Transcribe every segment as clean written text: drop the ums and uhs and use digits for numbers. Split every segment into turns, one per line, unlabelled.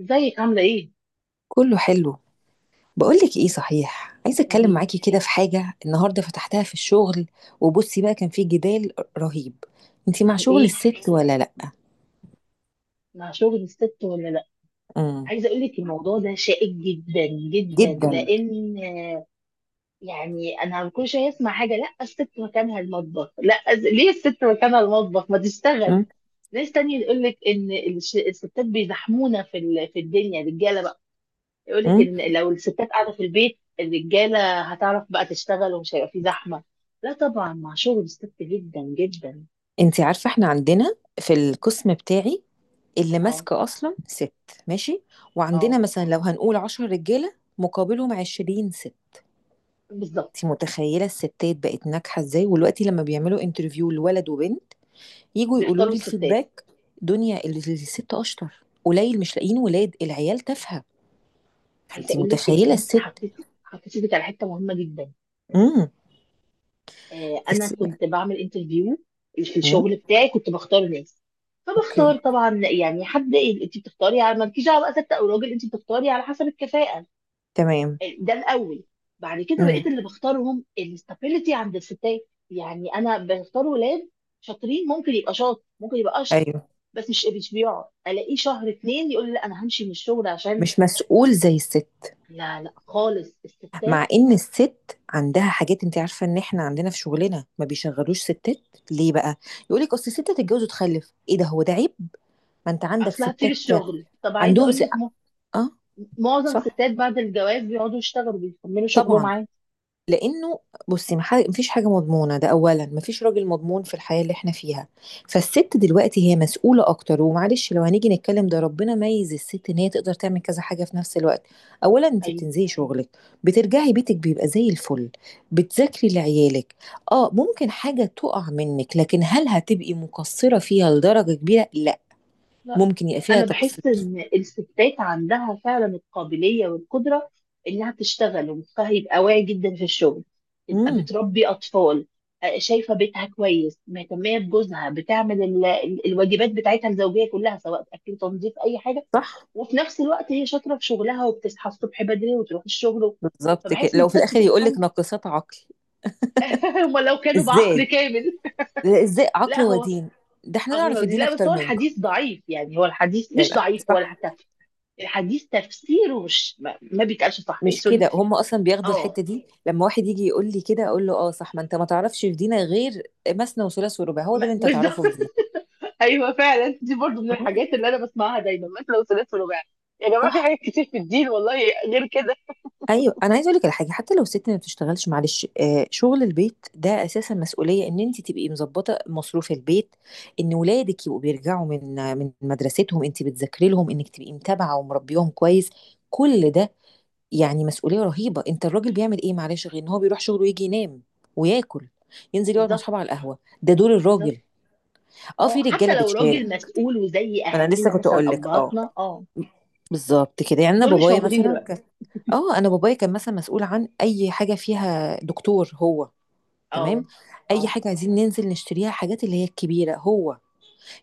ازيك؟ عامله ايه؟
كله حلو. بقولك ايه، صحيح عايزه اتكلم
ودي
معاكي كده في حاجه النهارده فتحتها في الشغل. وبصي بقى، كان في جدال رهيب. انتي مع
عن
شغل
ايه؟
الست ولا لا؟
مع شغل الست ولا لا؟
امم
عايزه اقول لك الموضوع ده شائك جدا جدا
جدا.
لان انا كل شويه اسمع حاجه. لا الست مكانها المطبخ، لا ليه الست مكانها المطبخ؟ ما تشتغل.
امم
ناس تانية يقول لك ان الستات بيزحمونا في الدنيا الرجاله بقى. يقول لك
امم
ان لو الستات قاعده في البيت الرجاله هتعرف بقى تشتغل ومش هيبقى في زحمه. لا طبعا مع شغل الست جدا جدا.
انتي عارفه احنا عندنا في القسم بتاعي اللي
اه
ماسكه اصلا ست. ماشي. وعندنا
اه
مثلا لو هنقول 10 رجاله مقابلهم 20 ست.
بالظبط.
انتي متخيله الستات بقت ناجحه ازاي؟ ودلوقتي لما بيعملوا انترفيو لولد وبنت، يجوا يقولوا
بيختاروا
لي
الستات.
الفيدباك، دنيا الست اشطر قليل، مش لاقيين، ولاد العيال تافهه.
عايزه
فانت
اقول لك ان
متخيله
انت
الست.
حطيتي ايدك على حته مهمه جدا.
امم
آه، انا
الس...
كنت بعمل انترفيو في
امم
الشغل بتاعي، كنت بختار ناس.
اوكي.
فبختار طبعا يعني حد. انت بتختاري على مالكيش دعوه بقى ست او راجل، انت بتختاري على حسب الكفاءه.
تمام.
آه، ده الاول. بعد كده بقيت
امم
اللي بختارهم الاستابيليتي عند الستات، يعني انا بختار ولاد شاطرين، ممكن يبقى شاطر ممكن يبقى اشطر،
ايوه.
بس مش بيقعد الاقيه شهر اتنين يقول لي لا انا همشي من الشغل عشان.
مش مسؤول زي الست.
لا لا خالص الستات.
مع ان الست عندها حاجات. انت عارفه ان احنا عندنا في شغلنا ما بيشغلوش ستات، ليه بقى؟ يقول لك اصل الست تتجوز وتخلف، ايه ده، هو ده عيب؟ ما انت عندك
اصل هتسيب
ستات.
الشغل. طب عايزه
عندهم
اقول لك
اه.
معظم
صح،
الستات بعد الجواز بيقعدوا يشتغلوا بيكملوا شغلهم
طبعا.
عادي.
لانه، بصي، مفيش حاجه مضمونه، ده اولا مفيش راجل مضمون في الحياه اللي احنا فيها. فالست دلوقتي هي مسؤوله اكتر. ومعلش لو هنيجي نتكلم، ده ربنا ميز الست ان هي تقدر تعمل كذا حاجه في نفس الوقت. اولا انت
ايوه.
بتنزلي شغلك، بترجعي بيتك بيبقى زي الفل، بتذاكري لعيالك. اه، ممكن حاجه تقع منك، لكن هل هتبقي مقصره فيها لدرجه كبيره؟ لا.
لا،
ممكن يبقى فيها
انا
تقصير.
بحس ان الستات عندها فعلا القابليه والقدره انها تشتغل ومخها يبقى واعي جدا في الشغل، تبقى
امم
بتربي اطفال. آه، شايفه بيتها كويس، مهتميه بجوزها، بتعمل الواجبات بتاعتها الزوجيه كلها سواء اكل تنظيف اي حاجه.
صح.
وفي نفس الوقت هي شاطره في شغلها وبتصحى الصبح بدري وتروح الشغل.
بالظبط كده.
فبحس ان
لو في
الست
الاخر يقول لك
سبحان
ناقصات عقل،
هم لو كانوا بعقل
ازاي؟
كامل.
لا، ازاي
لا
عقل
هو
ودين؟ ده احنا نعرف
أغنى،
الدين
لا بس
اكتر
هو
منكم.
الحديث ضعيف، يعني هو الحديث
لا
مش
لا،
ضعيف هو
صح.
حتى الحديث تفسيره مش ما بيتقالش صح، يعني
مش
سوري.
كده، هم اصلا بياخدوا
اه
الحته دي. لما واحد يجي يقول لي كده، اقول له اه صح، ما انت ما تعرفش في دينك غير مثنى وثلاث ورباع، هو ده اللي انت
بالظبط
تعرفه في دينك؟
ايوه فعلا، دي برضو من الحاجات
آه،
اللي انا بسمعها دايما، مثلا وثلاث ورباع. يا جماعه في
صح.
حاجات كتير في الدين والله غير كده.
ايوه، انا عايزه اقول لك على حاجه. حتى لو الست ما بتشتغلش، معلش، آه، شغل البيت ده اساسا مسؤوليه. ان انت تبقي مظبطه مصروف البيت، ان ولادك يبقوا بيرجعوا من مدرستهم، انت بتذاكري لهم، انك تبقي متابعه ومربيهم كويس، كل ده، يعني مسؤولية رهيبة. انت الراجل بيعمل ايه؟ معلش، غير ان هو بيروح شغله ويجي ينام وياكل، ينزل يقعد مع
بالظبط
اصحابه على القهوة. ده دور
بالظبط.
الراجل. اه، في
اه حتى
رجالة
لو راجل
بتشارك.
مسؤول وزي
ما انا لسه
اهالينا
كنت
مثلا،
اقول لك، اه،
ابهاتنا. اه
بالظبط كده. يعني انا
دول مش
بابايا
موجودين
مثلا كان،
دلوقتي.
اه، انا بابايا كان مثلا مسؤول عن اي حاجة فيها دكتور هو. تمام.
اه
اي
اه
حاجة عايزين ننزل نشتريها، حاجات اللي هي الكبيرة، هو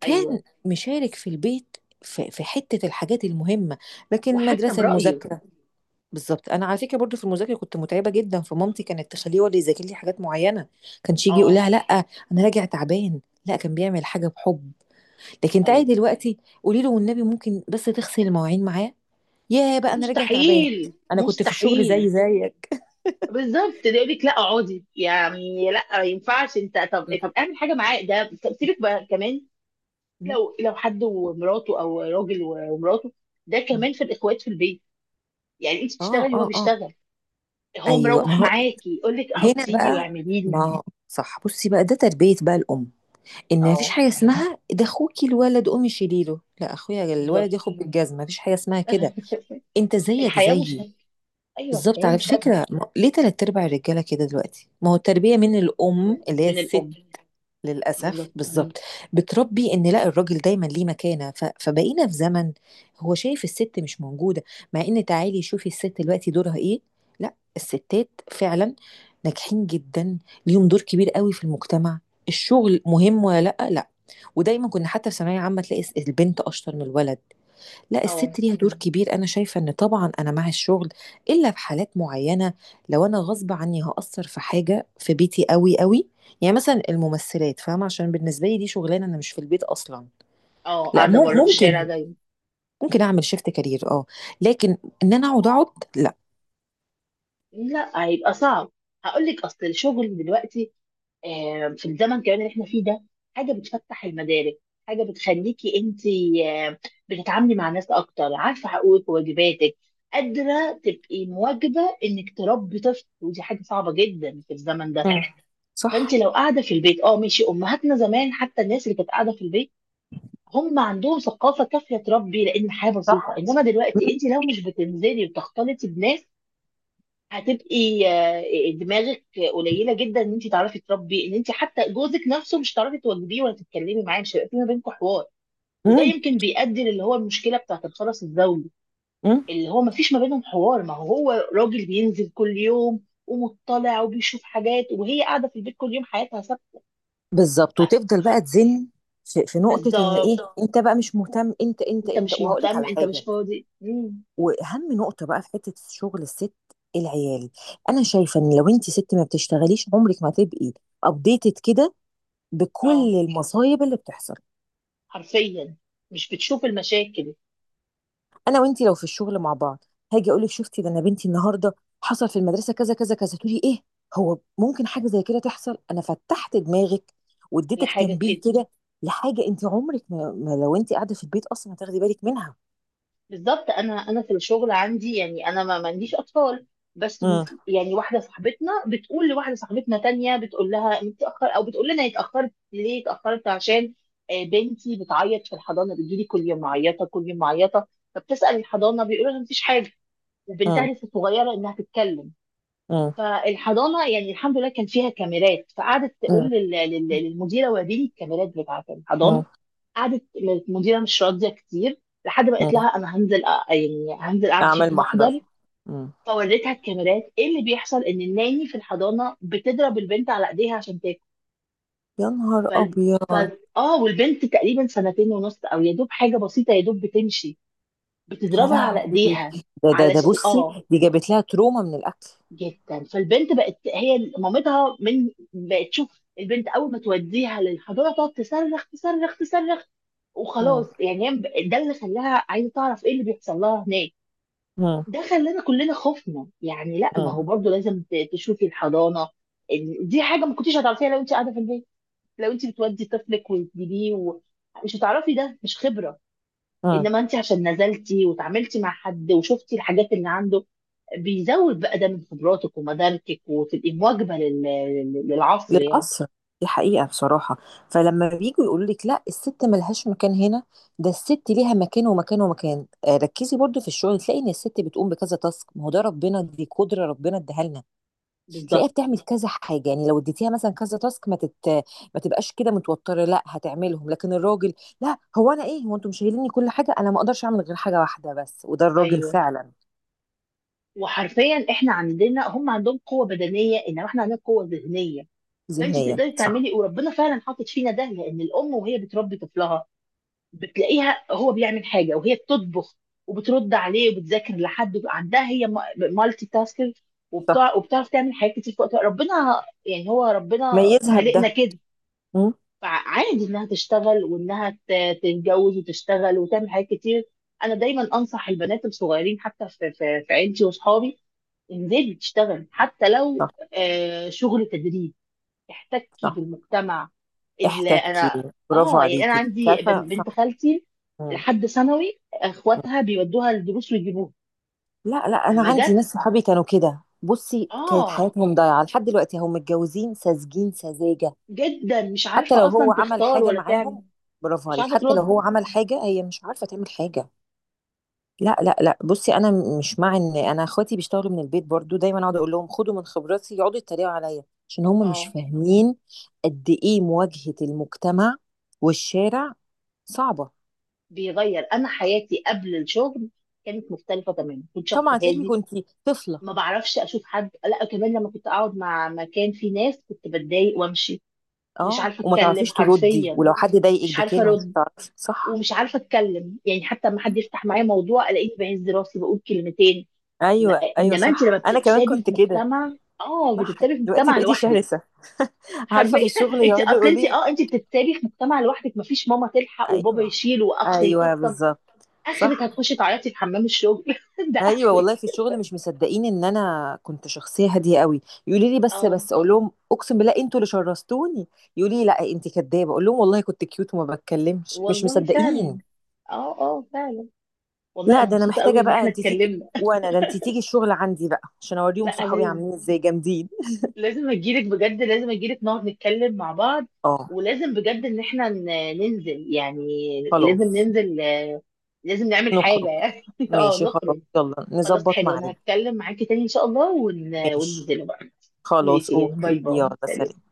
كان
ايوه.
مشارك في البيت، في حتة الحاجات المهمة. لكن
وحتى
المدرسة،
برايه.
المذاكرة، بالظبط. انا على فكره برضو في المذاكره كنت متعبه جدا، فمامتي كانت تخليه هو اللي يذاكر لي حاجات معينه. كانش يجي يقول
اه
لها لا انا راجع تعبان. لا، كان بيعمل حاجه بحب. لكن
ايوه.
تعالي دلوقتي قولي له والنبي ممكن بس تغسل المواعين معاه، يا بقى انا راجع تعبان.
مستحيل
انا كنت في الشغل
مستحيل.
زي زيك.
بالظبط، ده يقول لك لا اقعدي، يعني لا ما ينفعش انت. طب
م-
طب اعمل حاجه معاه، ده طب سيبك بقى كمان.
م-
لو لو حد ومراته او راجل ومراته، ده
م.
كمان في الاخوات في البيت، يعني انت
اه
بتشتغلي
اه
وهو
اه.
بيشتغل، هو
ايوه. ما
مروح
هو
معاكي يقول لك
هنا
حطي لي
بقى.
واعملي لي.
ما هو- صح. بصي بقى، ده تربيه بقى الام، ان مفيش
اه
حاجه اسمها ده اخوكي الولد قومي شيليله، لا اخويا
بالظبط.
الولد ياخد بالجزمه، مفيش حاجه اسمها كده. انت زيك
الحياه
زيي.
مشاهده. ايوه
بالظبط.
الحياه
على
مشاهده.
فكرة، ليه تلات ارباع الرجالة كده دلوقتي؟ ما هو التربية من
من
الام اللي هي
من
الست.
الام.
للأسف،
بالظبط.
بالظبط. بتربي ان لا، الراجل دايما ليه مكانة. فبقينا في زمن هو شايف الست مش موجودة. مع ان تعالي شوفي الست دلوقتي دورها ايه. لا، الستات فعلا ناجحين جدا. ليهم دور كبير قوي في المجتمع. الشغل مهم ولا لا؟ لا. ودايما كنا حتى في ثانوية عامة تلاقي البنت اشطر من الولد. لا،
اه
الست ليها دور كبير. انا شايفه ان طبعا انا مع الشغل الا في حالات معينه. لو انا غصب عني هاثر في حاجه في بيتي قوي قوي، يعني مثلا الممثلات، فاهمه؟ عشان بالنسبه لي دي شغلانه انا مش في البيت اصلا.
اه
لا،
قاعده بره في الشارع
ممكن.
دايما.
ممكن اعمل شيفت كارير، اه، لكن ان انا اقعد اقعد لا.
لا هيبقى صعب. هقول لك اصل الشغل دلوقتي، آه، في الزمن كمان اللي احنا فيه ده، حاجه بتفتح المدارك، حاجه بتخليكي انت آه، بتتعاملي مع ناس اكتر، عارفه حقوقك وواجباتك، قادره تبقي مواجبه انك تربي طفل، ودي حاجه صعبه جدا في الزمن ده.
مم.
فانت
صح.
لو قاعده في البيت اه ماشي، امهاتنا زمان حتى الناس اللي كانت قاعده في البيت هم عندهم ثقافه كافيه تربي لان الحياه بسيطه.
صح.
انما دلوقتي انت لو مش بتنزلي وتختلطي بناس هتبقي آه، دماغك قليله جدا ان انت تعرفي تربي، ان انت حتى جوزك نفسه مش هتعرفي تواجهيه ولا تتكلمي معاه، مش هيبقى في ما بينكم حوار. وده
امم
يمكن بيؤدي للي هو المشكله بتاعت الخرس الزوجي
امم
اللي هو ما فيش ما بينهم حوار. ما هو هو راجل بينزل كل يوم ومطلع وبيشوف حاجات، وهي قاعده في البيت كل يوم حياتها ثابته.
بالظبط،
ف-
وتفضل بقى
ف-
تزن. في نقطه ان ايه،
بالظبط.
انت بقى مش مهتم. انت انت
انت
انت
مش
وهقول لك
مهتم،
على
انت مش
حاجه.
فاضي مم.
واهم نقطه بقى في حته شغل الست، العيال. انا شايفه ان لو انت ست ما بتشتغليش، عمرك ما هتبقي ابديتد كده
اه
بكل المصايب اللي بتحصل.
حرفيا، مش بتشوف المشاكل.
انا وانت لو في الشغل مع بعض، هاجي اقول لك شفتي ده انا بنتي النهارده حصل في المدرسه كذا كذا كذا، تقولي ايه؟ هو ممكن حاجه زي كده تحصل. انا فتحت دماغك واديتك
لحاجه
تنبيه
كده.
كده لحاجه انت عمرك ما لو انت قاعده في البيت اصلا هتاخدي بالك منها.
بالظبط، انا في الشغل عندي، يعني انا ما عنديش اطفال. بس م-
امم
يعني واحده صاحبتنا بتقول لواحده صاحبتنا تانية، بتقول لها انت اتاخر، او بتقول لنا اتاخرت ليه؟ اتاخرت عشان آه، بنتي بتعيط في الحضانه، بتجيلي كل يوم معيطه كل يوم معيطه. فبتسال الحضانه بيقولوا لها مفيش حاجه، وبنتها
امم
لسه صغيره انها تتكلم.
امم
فالحضانه يعني الحمد لله كان فيها كاميرات، فقعدت تقول للمديره وريني الكاميرات بتاعت الحضانه.
امم
قعدت المديره مش راضيه كتير، لحد ما قلت
امم
لها انا هنزل يعني هنزل اعمل
اعمل
فيكم
محضر.
محضر. فوريتها الكاميرات ايه اللي بيحصل، ان الناني في الحضانه بتضرب البنت على ايديها عشان تاكل.
يا نهار
فال... ف...
ابيض.
اه، والبنت تقريبا سنتين ونص، او يا دوب حاجه بسيطه، يا دوب بتمشي،
يا
بتضربها على
لهوي.
ايديها.
ده
علشان
بصي،
اه
دي جابت لها تروما من الاكل.
جدا، فالبنت بقت هي مامتها، من بقت تشوف البنت اول ما توديها للحضانه تقعد تصرخ تصرخ تصرخ.
مم.
وخلاص، يعني هي ده اللي خلاها عايزه تعرف ايه اللي بيحصل لها هناك.
مم.
ده خلانا كلنا خفنا، يعني لا، ما هو
مم.
برضو لازم تشوفي الحضانه. دي حاجه ما كنتيش هتعرفيها لو انت قاعده في البيت. لو انت بتودي طفلك وتجيبيه مش هتعرفي، ده مش خبره.
مم.
انما انت عشان نزلتي وتعاملتي مع حد وشفتي الحاجات اللي عنده بيزود بقى ده من خبراتك ومداركك، وتبقي مواكبه للعصر يعني.
للأسف، دي حقيقة بصراحة. فلما بييجوا يقولوا لك لا الست ملهاش مكان هنا، ده الست ليها مكان ومكان ومكان. آه، ركزي برضو في الشغل تلاقي ان الست بتقوم بكذا تاسك. ما هو ده ربنا، دي قدرة ربنا اداها لنا. تلاقيها
بالظبط.
بتعمل كذا حاجه. يعني لو اديتيها مثلا كذا تاسك، ما تبقاش كده متوتره، لا هتعملهم. لكن الراجل، لا هو انا ايه، هو انتم شايليني كل حاجه، انا ما اقدرش اعمل غير حاجه واحده بس. وده الراجل
ايوه
فعلا.
وحرفيا، احنا عندنا هم عندهم قوه بدنيه انما احنا عندنا قوه ذهنيه. فانت
ذهنيا
تقدري
صح.
تعملي، وربنا فعلا حاطط فينا ده، لان الام وهي بتربي طفلها بتلاقيها هو بيعمل حاجه وهي بتطبخ وبترد عليه وبتذاكر لحد عندها هي مالتي تاسكر وبتاع،
صح.
وبتعرف تعمل حاجات كتير في وقت واحد. ربنا يعني هو ربنا
ميزها
خلقنا
بده.
كده.
مم،
فعادي انها تشتغل وانها تتجوز وتشتغل وتعمل حاجات كتير. انا دايما انصح البنات الصغيرين حتى في عيلتي واصحابي انزلي تشتغل، حتى
صح.
لو آه، شغل تدريب، تحتكي
صح.
بالمجتمع. اللي
احتكي.
انا
برافو
اه يعني انا
عليكي،
عندي
عارفه صح.
بنت خالتي
مم،
لحد ثانوي
مم.
اخواتها بيودوها الدروس ويجيبوها.
لا لا، انا
اما
عندي ناس
جت
صحابي كانوا كده. بصي، كانت
اه
حياتهم ضايعه لحد دلوقتي هم متجوزين ساذجين سذاجه.
جدا مش
حتى
عارفه
لو هو
اصلا
عمل
تختار
حاجة
ولا تعمل،
معاهم، برافو
مش
عليك.
عارفه
حتى لو
ترد.
هو عمل حاجة، هي مش عارفة تعمل حاجة. لا لا لا، بصي انا، مش مع ان انا اخواتي بيشتغلوا من البيت برضو، دايما اقعد اقول لهم خدوا من خبراتي، يقعدوا يتريقوا عليا عشان هم مش
اه
فاهمين قد ايه مواجهة المجتمع والشارع صعبة.
بيغير، انا حياتي قبل الشغل كانت مختلفه تماما، كنت شخص
طبعا، تلاقيكي
هادي
كنتي طفلة.
ما بعرفش اشوف حد. لا كمان لما كنت اقعد مع مكان فيه ناس كنت بتضايق وامشي. مش
اه،
عارفه
وما
اتكلم،
تعرفيش تردي،
حرفيا
ولو حد ضايقك
مش عارفه
بكلمة مش
ارد،
هتعرفي. صح.
ومش عارفه اتكلم، يعني حتى لما حد يفتح معايا موضوع الاقيني بهز راسي بقول كلمتين. م-
ايوه، ايوه
انما انت لما
صح، انا كمان
بتتسابي
كنت
في
كده.
مجتمع اه
صح.
بتتسابي في
دلوقتي
مجتمع
بقيتي
لوحدك،
شرسة. عارفة،
حرفيا.
في الشغل
انت
يقعدوا
اصل
يقولوا
انت
لي،
اه انت بتتسابي في مجتمع لوحدك، مفيش ماما تلحق وبابا
ايوه
يشيل واخ
ايوه
يطبطب.
بالظبط.
اخرك
صح.
هتخشي تعيطي في حمام الشغل. ده
ايوه،
اخرك.
والله في الشغل مش مصدقين ان انا كنت شخصيه هاديه قوي. يقولوا لي بس
اه
بس، اقول لهم اقسم بالله انتوا اللي شرستوني. يقولوا لي لا انت كدابه، اقول لهم والله كنت كيوت وما بتكلمش، مش
والله
مصدقين.
فعلا. اه اه فعلا. والله
لا،
انا
ده انا
مبسوطه قوي
محتاجه
ان
بقى
احنا
انت تيجي.
اتكلمنا.
وانا، ده انت تيجي الشغل عندي بقى عشان اوريهم
لا
صحابي
لازم،
عاملين ازاي جامدين.
لازم اجيلك بجد، لازم اجيلك نقعد نتكلم مع بعض.
اه،
ولازم بجد ان احنا ننزل يعني، لازم
خلاص،
ننزل، لازم نعمل
نخرج.
حاجة يعني. اه
ماشي، خلاص،
نخرج.
يلا
خلاص
نظبط
حلو، انا
ميعاد.
هتكلم معاكي تاني ان شاء الله
ماشي،
وننزل بقى.
خلاص،
ماشي، يعني
اوكي،
باي باي،
يلا سلام.
سلام.